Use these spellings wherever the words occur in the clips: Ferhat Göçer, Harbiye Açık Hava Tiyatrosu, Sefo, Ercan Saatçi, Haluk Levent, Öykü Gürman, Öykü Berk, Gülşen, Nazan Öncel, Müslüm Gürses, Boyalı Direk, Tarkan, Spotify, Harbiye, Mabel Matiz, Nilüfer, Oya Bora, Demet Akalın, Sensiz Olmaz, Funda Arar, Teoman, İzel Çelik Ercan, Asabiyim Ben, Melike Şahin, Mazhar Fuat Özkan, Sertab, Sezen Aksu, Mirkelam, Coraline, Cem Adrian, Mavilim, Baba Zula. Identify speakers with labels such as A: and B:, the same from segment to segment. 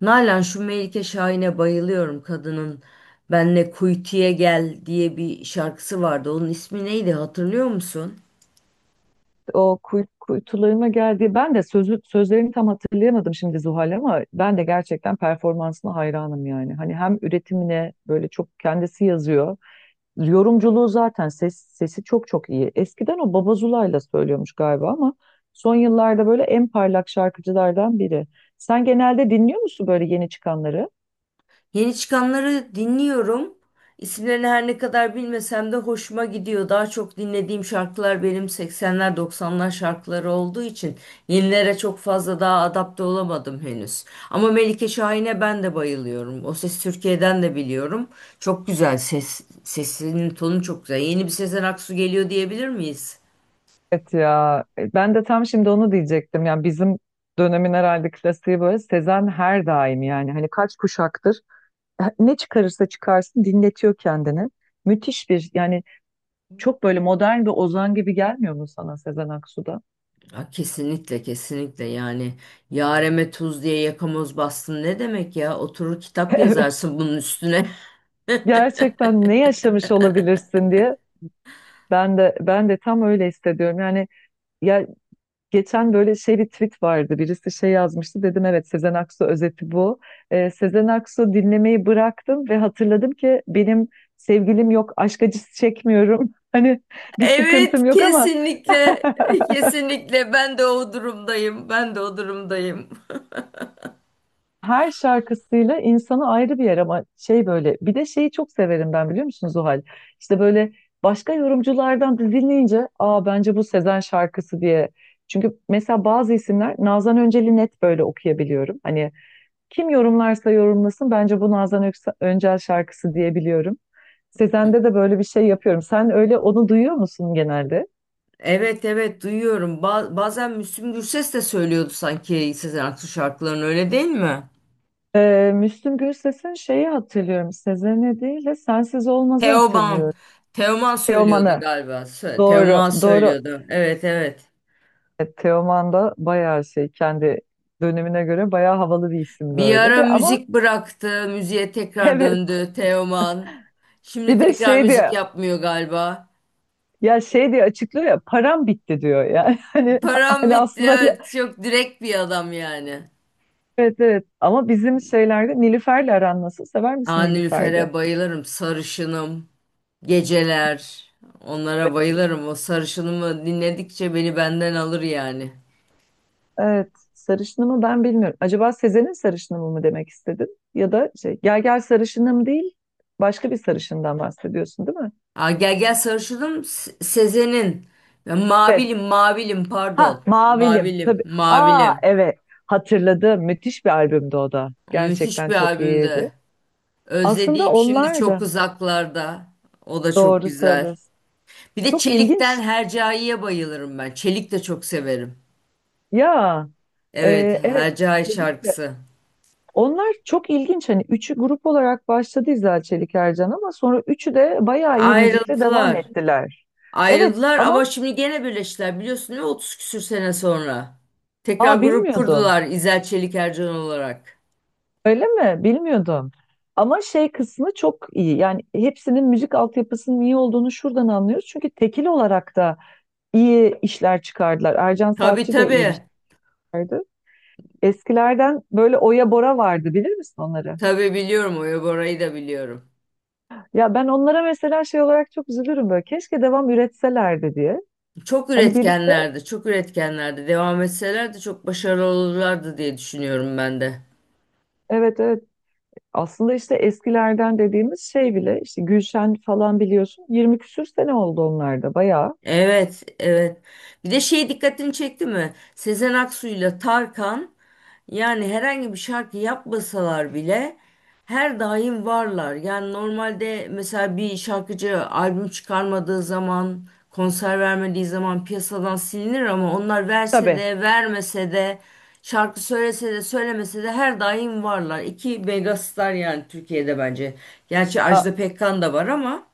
A: Nalan, şu Melike Şahin'e bayılıyorum kadının. Benle kuytuya gel diye bir şarkısı vardı. Onun ismi neydi, hatırlıyor musun?
B: O kuytularına geldi. Ben de sözlerini tam hatırlayamadım şimdi Zuhal, ama ben de gerçekten performansına hayranım yani. Hani hem üretimine böyle çok kendisi yazıyor. Yorumculuğu zaten sesi çok çok iyi. Eskiden o Baba Zula'yla söylüyormuş galiba, ama son yıllarda böyle en parlak şarkıcılardan biri. Sen genelde dinliyor musun böyle yeni çıkanları?
A: Yeni çıkanları dinliyorum. İsimlerini her ne kadar bilmesem de hoşuma gidiyor. Daha çok dinlediğim şarkılar benim 80'ler 90'lar şarkıları olduğu için yenilere çok fazla daha adapte olamadım henüz. Ama Melike Şahin'e ben de bayılıyorum. O Ses Türkiye'den de biliyorum. Çok güzel sesinin tonu çok güzel. Yeni bir Sezen Aksu geliyor diyebilir miyiz?
B: Evet ya, ben de tam şimdi onu diyecektim. Yani bizim dönemin herhalde klasiği böyle Sezen her daim yani. Hani kaç kuşaktır ne çıkarırsa çıkarsın dinletiyor kendini. Müthiş bir yani çok böyle modern bir ozan gibi gelmiyor mu sana Sezen Aksu'da?
A: Ya kesinlikle kesinlikle, yani yareme tuz diye yakamoz bastın ne demek ya, oturur kitap
B: Evet.
A: yazarsın bunun üstüne.
B: Gerçekten ne yaşamış olabilirsin diye ben de tam öyle hissediyorum. Yani ya, geçen böyle şey bir tweet vardı. Birisi şey yazmıştı. Dedim evet, Sezen Aksu özeti bu. Sezen Aksu dinlemeyi bıraktım ve hatırladım ki benim sevgilim yok, aşk acısı çekmiyorum. Hani bir
A: Evet,
B: sıkıntım yok ama
A: kesinlikle, kesinlikle, ben de o durumdayım, ben de o durumdayım.
B: her şarkısıyla insanı ayrı bir yer, ama şey böyle bir de şeyi çok severim ben, biliyor musunuz o hal? İşte böyle başka yorumculardan da dinleyince, aa bence bu Sezen şarkısı diye. Çünkü mesela bazı isimler, Nazan Öncel'i net böyle okuyabiliyorum. Hani kim yorumlarsa yorumlasın bence bu Nazan Öncel şarkısı diyebiliyorum. Sezen'de de böyle bir şey yapıyorum. Sen öyle onu duyuyor musun genelde?
A: Evet evet, duyuyorum. Bazen Müslüm Gürses de söylüyordu sanki Sezen Aksu şarkılarını, öyle değil mi?
B: Müslüm Gürses'in şeyi hatırlıyorum. Sezen'i değil de Sensiz Olmaz'ı
A: Teoman.
B: hatırlıyorum.
A: Teoman söylüyordu
B: Teoman'ı.
A: galiba.
B: Doğru,
A: Teoman
B: doğru.
A: söylüyordu. Evet evet.
B: Teoman da bayağı şey, kendi dönemine göre bayağı havalı bir isimdi
A: Bir
B: öyle
A: ara
B: de, ama
A: müzik bıraktı. Müziğe tekrar
B: evet,
A: döndü Teoman. Şimdi
B: bir de
A: tekrar
B: şey
A: müzik
B: diye,
A: yapmıyor galiba.
B: ya şey diye açıklıyor ya, param bitti diyor yani. Hani,
A: Param
B: hani
A: bitti.
B: aslında
A: Evet, çok direkt bir adam yani.
B: evet evet. Ama bizim şeylerde Nilüfer'le aran nasıl, sever
A: Aa,
B: misin Nilüfer'de?
A: Nilüfer'e bayılırım. Sarışınım. Geceler. Onlara bayılırım. O sarışınımı dinledikçe beni benden alır yani.
B: Evet, sarışınımı ben bilmiyorum. Acaba Sezen'in sarışınımı mı demek istedin, ya da şey, gel gel sarışınım değil, başka bir sarışından bahsediyorsun değil mi?
A: Aa, gel gel sarışınım. Sezen'in. Ben
B: Evet.
A: Mavilim mavilim
B: Ha,
A: pardon.
B: Mavilim
A: Mavilim
B: tabii. Aa
A: mavilim.
B: evet, hatırladım. Müthiş bir albümdü o da.
A: Müthiş
B: Gerçekten
A: bir
B: çok iyiydi.
A: albümde.
B: Aslında
A: Özlediğim şimdi
B: onlar
A: çok
B: da
A: uzaklarda. O da çok
B: doğru
A: güzel.
B: söylüyorsun.
A: Bir de
B: Çok ilginç.
A: Çelik'ten Hercai'ye bayılırım ben. Çelik de çok severim.
B: Ya
A: Evet,
B: evet,
A: Hercai
B: dedik de
A: şarkısı.
B: onlar çok ilginç. Hani üçü grup olarak başladı, İzel Çelik Ercan, ama sonra üçü de bayağı iyi müzikle devam
A: Ayrıldılar.
B: ettiler. Evet
A: Ayrıldılar
B: ama,
A: ama şimdi gene birleştiler, biliyorsun değil mi, 30 küsür sene sonra. Tekrar
B: aa
A: grup
B: bilmiyordum.
A: kurdular İzel Çelik Ercan olarak.
B: Öyle mi? Bilmiyordum. Ama şey kısmı çok iyi. Yani hepsinin müzik altyapısının iyi olduğunu şuradan anlıyoruz. Çünkü tekil olarak da iyi işler çıkardılar. Ercan
A: Tabii
B: Saatçi de iyi bir şey
A: tabii.
B: çıkardı. Eskilerden böyle Oya Bora vardı, bilir misin onları?
A: Tabii biliyorum, Oya Bora'yı da biliyorum.
B: Ya ben onlara mesela şey olarak çok üzülürüm böyle. Keşke devam üretselerdi diye.
A: Çok
B: Hani birlikte,
A: üretkenlerdi, çok üretkenlerdi. Devam etselerdi çok başarılı olurlardı diye düşünüyorum ben de.
B: evet evet. Aslında işte eskilerden dediğimiz şey bile, işte Gülşen falan, biliyorsun 20 küsür sene oldu, onlar da bayağı.
A: Evet, evet. Bir de şey dikkatini çekti mi? Sezen Aksu'yla Tarkan, yani herhangi bir şarkı yapmasalar bile her daim varlar. Yani normalde mesela bir şarkıcı albüm çıkarmadığı zaman, konser vermediği zaman piyasadan silinir, ama onlar verse
B: Tabii.
A: de vermese de şarkı söylese de söylemese de her daim varlar. İki megastar yani Türkiye'de bence. Gerçi
B: A-
A: Ajda Pekkan da var ama.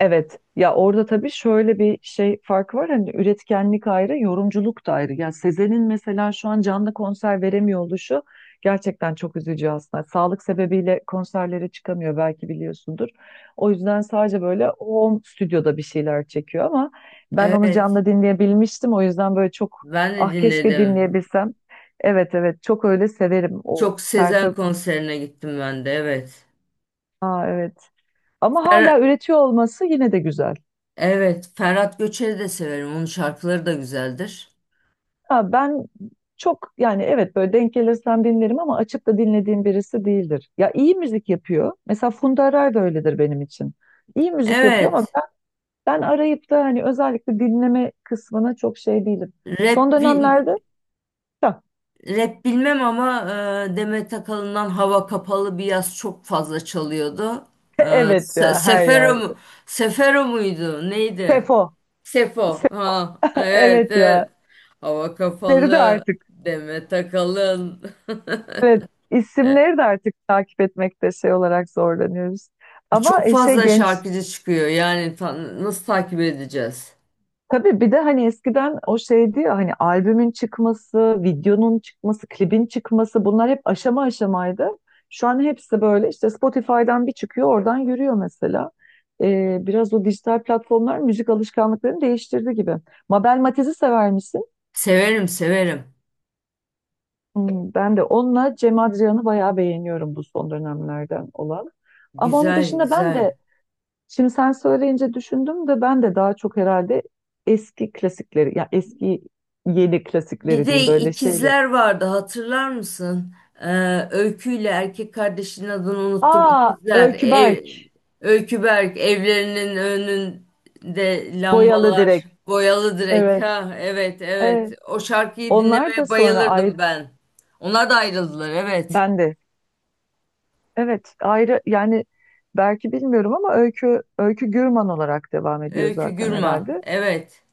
B: evet ya, orada tabii şöyle bir şey farkı var, hani üretkenlik ayrı, yorumculuk da ayrı. Ya Sezen'in mesela şu an canlı konser veremiyor oluşu gerçekten çok üzücü aslında. Sağlık sebebiyle konserlere çıkamıyor, belki biliyorsundur. O yüzden sadece böyle o stüdyoda bir şeyler çekiyor, ama ben onu
A: Evet,
B: canlı dinleyebilmiştim. O yüzden böyle çok,
A: ben de
B: ah keşke
A: dinledim.
B: dinleyebilsem. Evet evet, çok öyle severim o
A: Çok Sezen
B: Sertab.
A: konserine gittim ben de, evet.
B: Aa, evet, ama
A: Fer-
B: hala üretiyor olması yine de güzel.
A: Evet, Ferhat Göçer'i de severim. Onun şarkıları da güzeldir.
B: Ya ben çok yani, evet, böyle denk gelirsem dinlerim, ama açıp da dinlediğim birisi değildir. Ya iyi müzik yapıyor. Mesela Funda Arar da öyledir benim için. İyi müzik yapıyor ama
A: Evet,
B: ben, ben arayıp da hani özellikle dinleme kısmına çok şey değilim.
A: rap,
B: Son
A: bil-
B: dönemlerde ya,
A: rap bilmem ama Demet Akalın'dan Hava Kapalı bir yaz çok fazla çalıyordu.
B: evet ya, her
A: Sefero
B: yer.
A: mu? Sefero muydu? Neydi?
B: Sefo.
A: Sefo.
B: Se-
A: Ha, evet,
B: evet ya.
A: evet. Hava
B: İsimleri de
A: Kapalı,
B: artık.
A: Demet Akalın.
B: Evet, isimleri de artık takip etmekte şey olarak zorlanıyoruz. Ama
A: Çok
B: şey
A: fazla
B: genç,
A: şarkıcı çıkıyor. Yani nasıl takip edeceğiz?
B: tabii bir de hani eskiden o şeydi ya, hani albümün çıkması, videonun çıkması, klibin çıkması, bunlar hep aşama aşamaydı. Şu an hepsi böyle işte Spotify'dan bir çıkıyor, oradan yürüyor mesela. Biraz o dijital platformlar müzik alışkanlıklarını değiştirdi gibi. Mabel Matiz'i sever misin?
A: Severim, severim.
B: Hmm, ben de onunla Cem Adrian'ı bayağı beğeniyorum, bu son dönemlerden olan. Ama onun
A: Güzel,
B: dışında ben
A: güzel.
B: de, şimdi sen söyleyince düşündüm de, ben de daha çok herhalde eski klasikleri, ya eski yeni
A: Bir
B: klasikleri
A: de
B: diyeyim böyle şeyleri.
A: ikizler vardı, hatırlar mısın? Öykü ile erkek kardeşinin adını unuttum.
B: Aa
A: İkizler.
B: Öykü Berk,
A: Öykü Berk, evlerinin önünde
B: Boyalı
A: lambalar.
B: Direk.
A: Boyalı direk.
B: Evet,
A: Ha, evet evet.
B: evet.
A: O şarkıyı
B: Onlar da
A: dinlemeye
B: sonra ayrı,
A: bayılırdım ben. Onlar da ayrıldılar, evet.
B: ben de. Evet, ayrı yani, belki bilmiyorum ama Öykü, Öykü Gürman olarak devam ediyor
A: Öykü
B: zaten
A: Gürman.
B: herhalde.
A: Evet.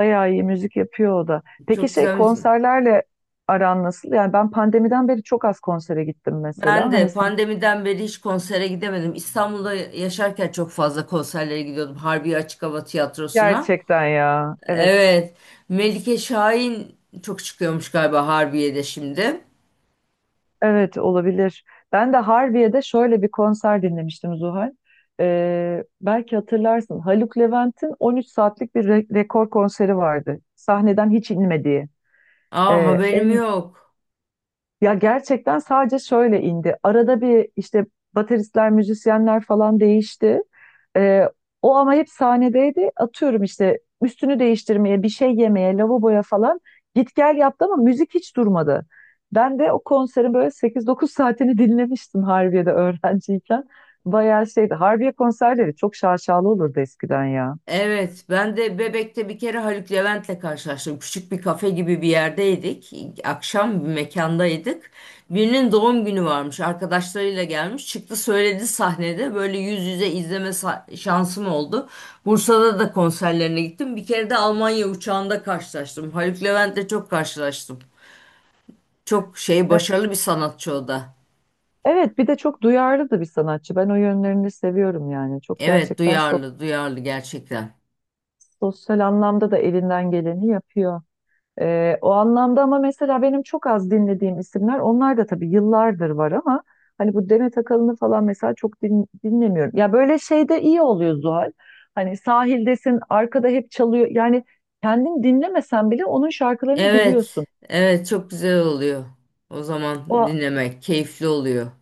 B: Bayağı iyi müzik yapıyor o da. Peki
A: Çok
B: şey,
A: güzel müzik.
B: konserlerle aran nasıl? Yani ben pandemiden beri çok az konsere gittim
A: Ben
B: mesela. Hani
A: de
B: sen,
A: pandemiden beri hiç konsere gidemedim. İstanbul'da yaşarken çok fazla konserlere gidiyordum. Harbiye Açık Hava Tiyatrosu'na.
B: gerçekten ya. Evet,
A: Evet. Melike Şahin çok çıkıyormuş galiba Harbiye'de şimdi.
B: evet olabilir. Ben de Harbiye'de şöyle bir konser dinlemiştim Zuhal. Belki hatırlarsın, Haluk Levent'in 13 saatlik bir rekor konseri vardı. Sahneden hiç inmediği.
A: Aa, haberim
B: En,
A: yok.
B: ya gerçekten sadece şöyle indi. Arada bir işte bateristler, müzisyenler falan değişti. Ee, o ama hep sahnedeydi. Atıyorum işte üstünü değiştirmeye, bir şey yemeye, lavaboya falan git gel yaptı ama müzik hiç durmadı. Ben de o konserin böyle sekiz dokuz saatini dinlemiştim Harbiye'de öğrenciyken. Bayağı şeydi. Harbiye konserleri çok şaşalı olurdu eskiden ya.
A: Evet, ben de Bebek'te bir kere Haluk Levent'le karşılaştım. Küçük bir kafe gibi bir yerdeydik. Akşam bir mekandaydık. Birinin doğum günü varmış. Arkadaşlarıyla gelmiş. Çıktı söyledi sahnede. Böyle yüz yüze izleme şansım oldu. Bursa'da da konserlerine gittim. Bir kere de Almanya uçağında karşılaştım. Haluk Levent'le çok karşılaştım. Çok şey,
B: E,
A: başarılı bir sanatçı o da.
B: Evet, bir de çok duyarlı da bir sanatçı. Ben o yönlerini seviyorum yani. Çok
A: Evet,
B: gerçekten
A: duyarlı duyarlı gerçekten.
B: sosyal anlamda da elinden geleni yapıyor. O anlamda ama mesela benim çok az dinlediğim isimler, onlar da tabii yıllardır var ama hani bu Demet Akalın'ı falan mesela çok dinlemiyorum. Ya böyle şeyde iyi oluyor Zuhal. Hani sahildesin, arkada hep çalıyor. Yani kendin dinlemesen bile onun şarkılarını biliyorsun.
A: Evet evet, çok güzel oluyor. O zaman
B: O,
A: dinlemek keyifli oluyor.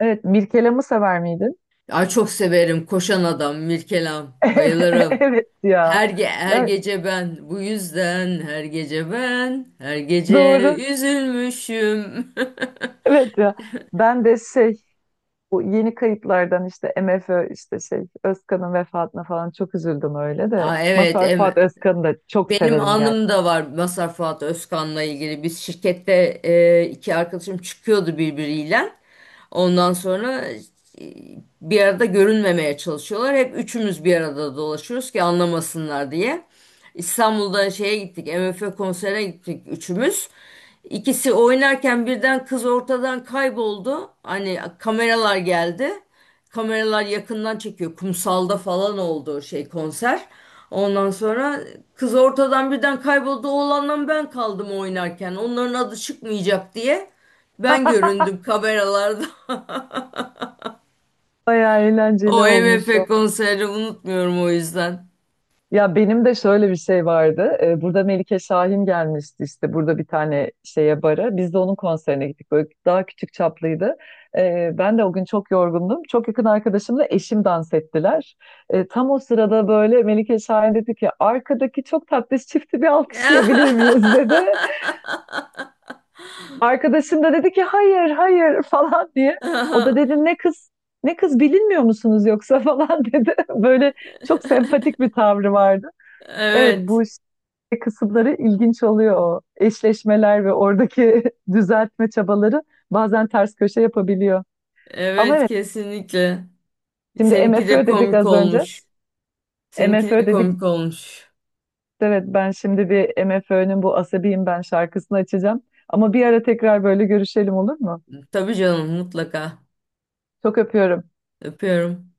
B: evet, Mirkelam'ı sever miydin?
A: Ay, çok severim, koşan adam Mirkelam,
B: Evet,
A: bayılırım.
B: evet ya.
A: Her
B: Ya
A: gece ben, bu yüzden her gece ben her gece
B: doğru.
A: üzülmüşüm.
B: Evet ya. Ben de şey, bu yeni kayıplardan işte MFÖ, işte şey Özkan'ın vefatına falan çok üzüldüm öyle de.
A: Aa, evet,
B: Mazhar Fuat Özkan'ı da çok
A: benim
B: severim gerçekten.
A: anım da var Mazhar Fuat Özkan'la ilgili. Biz şirkette iki arkadaşım çıkıyordu birbiriyle. Ondan sonra e, bir arada görünmemeye çalışıyorlar. Hep üçümüz bir arada dolaşıyoruz ki anlamasınlar diye. İstanbul'da şeye gittik, MF konserine gittik üçümüz. İkisi oynarken birden kız ortadan kayboldu. Hani kameralar geldi. Kameralar yakından çekiyor. Kumsalda falan oldu şey konser. Ondan sonra kız ortadan birden kayboldu. Oğlanla ben kaldım oynarken. Onların adı çıkmayacak diye. Ben göründüm kameralarda.
B: Bayağı
A: O
B: eğlenceli
A: M
B: olmuş
A: F
B: o.
A: konserini unutmuyorum o yüzden.
B: Ya benim de şöyle bir şey vardı. Burada Melike Şahin gelmişti, işte burada bir tane şeye, bara. Biz de onun konserine gittik. Böyle daha küçük çaplıydı. Ben de o gün çok yorgundum. Çok yakın arkadaşımla eşim dans ettiler. Tam o sırada böyle Melike Şahin dedi ki, arkadaki çok tatlış çifti bir alkışlayabilir miyiz dedi. Arkadaşım da dedi ki hayır hayır falan diye. O da dedi, ne kız ne kız bilinmiyor musunuz yoksa falan dedi. Böyle çok sempatik bir tavrı vardı. Evet,
A: Evet.
B: bu işte kısımları ilginç oluyor o. Eşleşmeler ve oradaki düzeltme çabaları bazen ters köşe yapabiliyor. Ama
A: Evet,
B: evet,
A: kesinlikle.
B: şimdi
A: Seninki de
B: MFÖ dedik
A: komik
B: az önce.
A: olmuş. Seninki
B: MFÖ
A: de
B: dedik,
A: komik olmuş.
B: evet, ben şimdi bir MFÖ'nün bu Asabiyim Ben şarkısını açacağım. Ama bir ara tekrar böyle görüşelim, olur mu?
A: Tabii canım, mutlaka.
B: Çok öpüyorum.
A: Öpüyorum.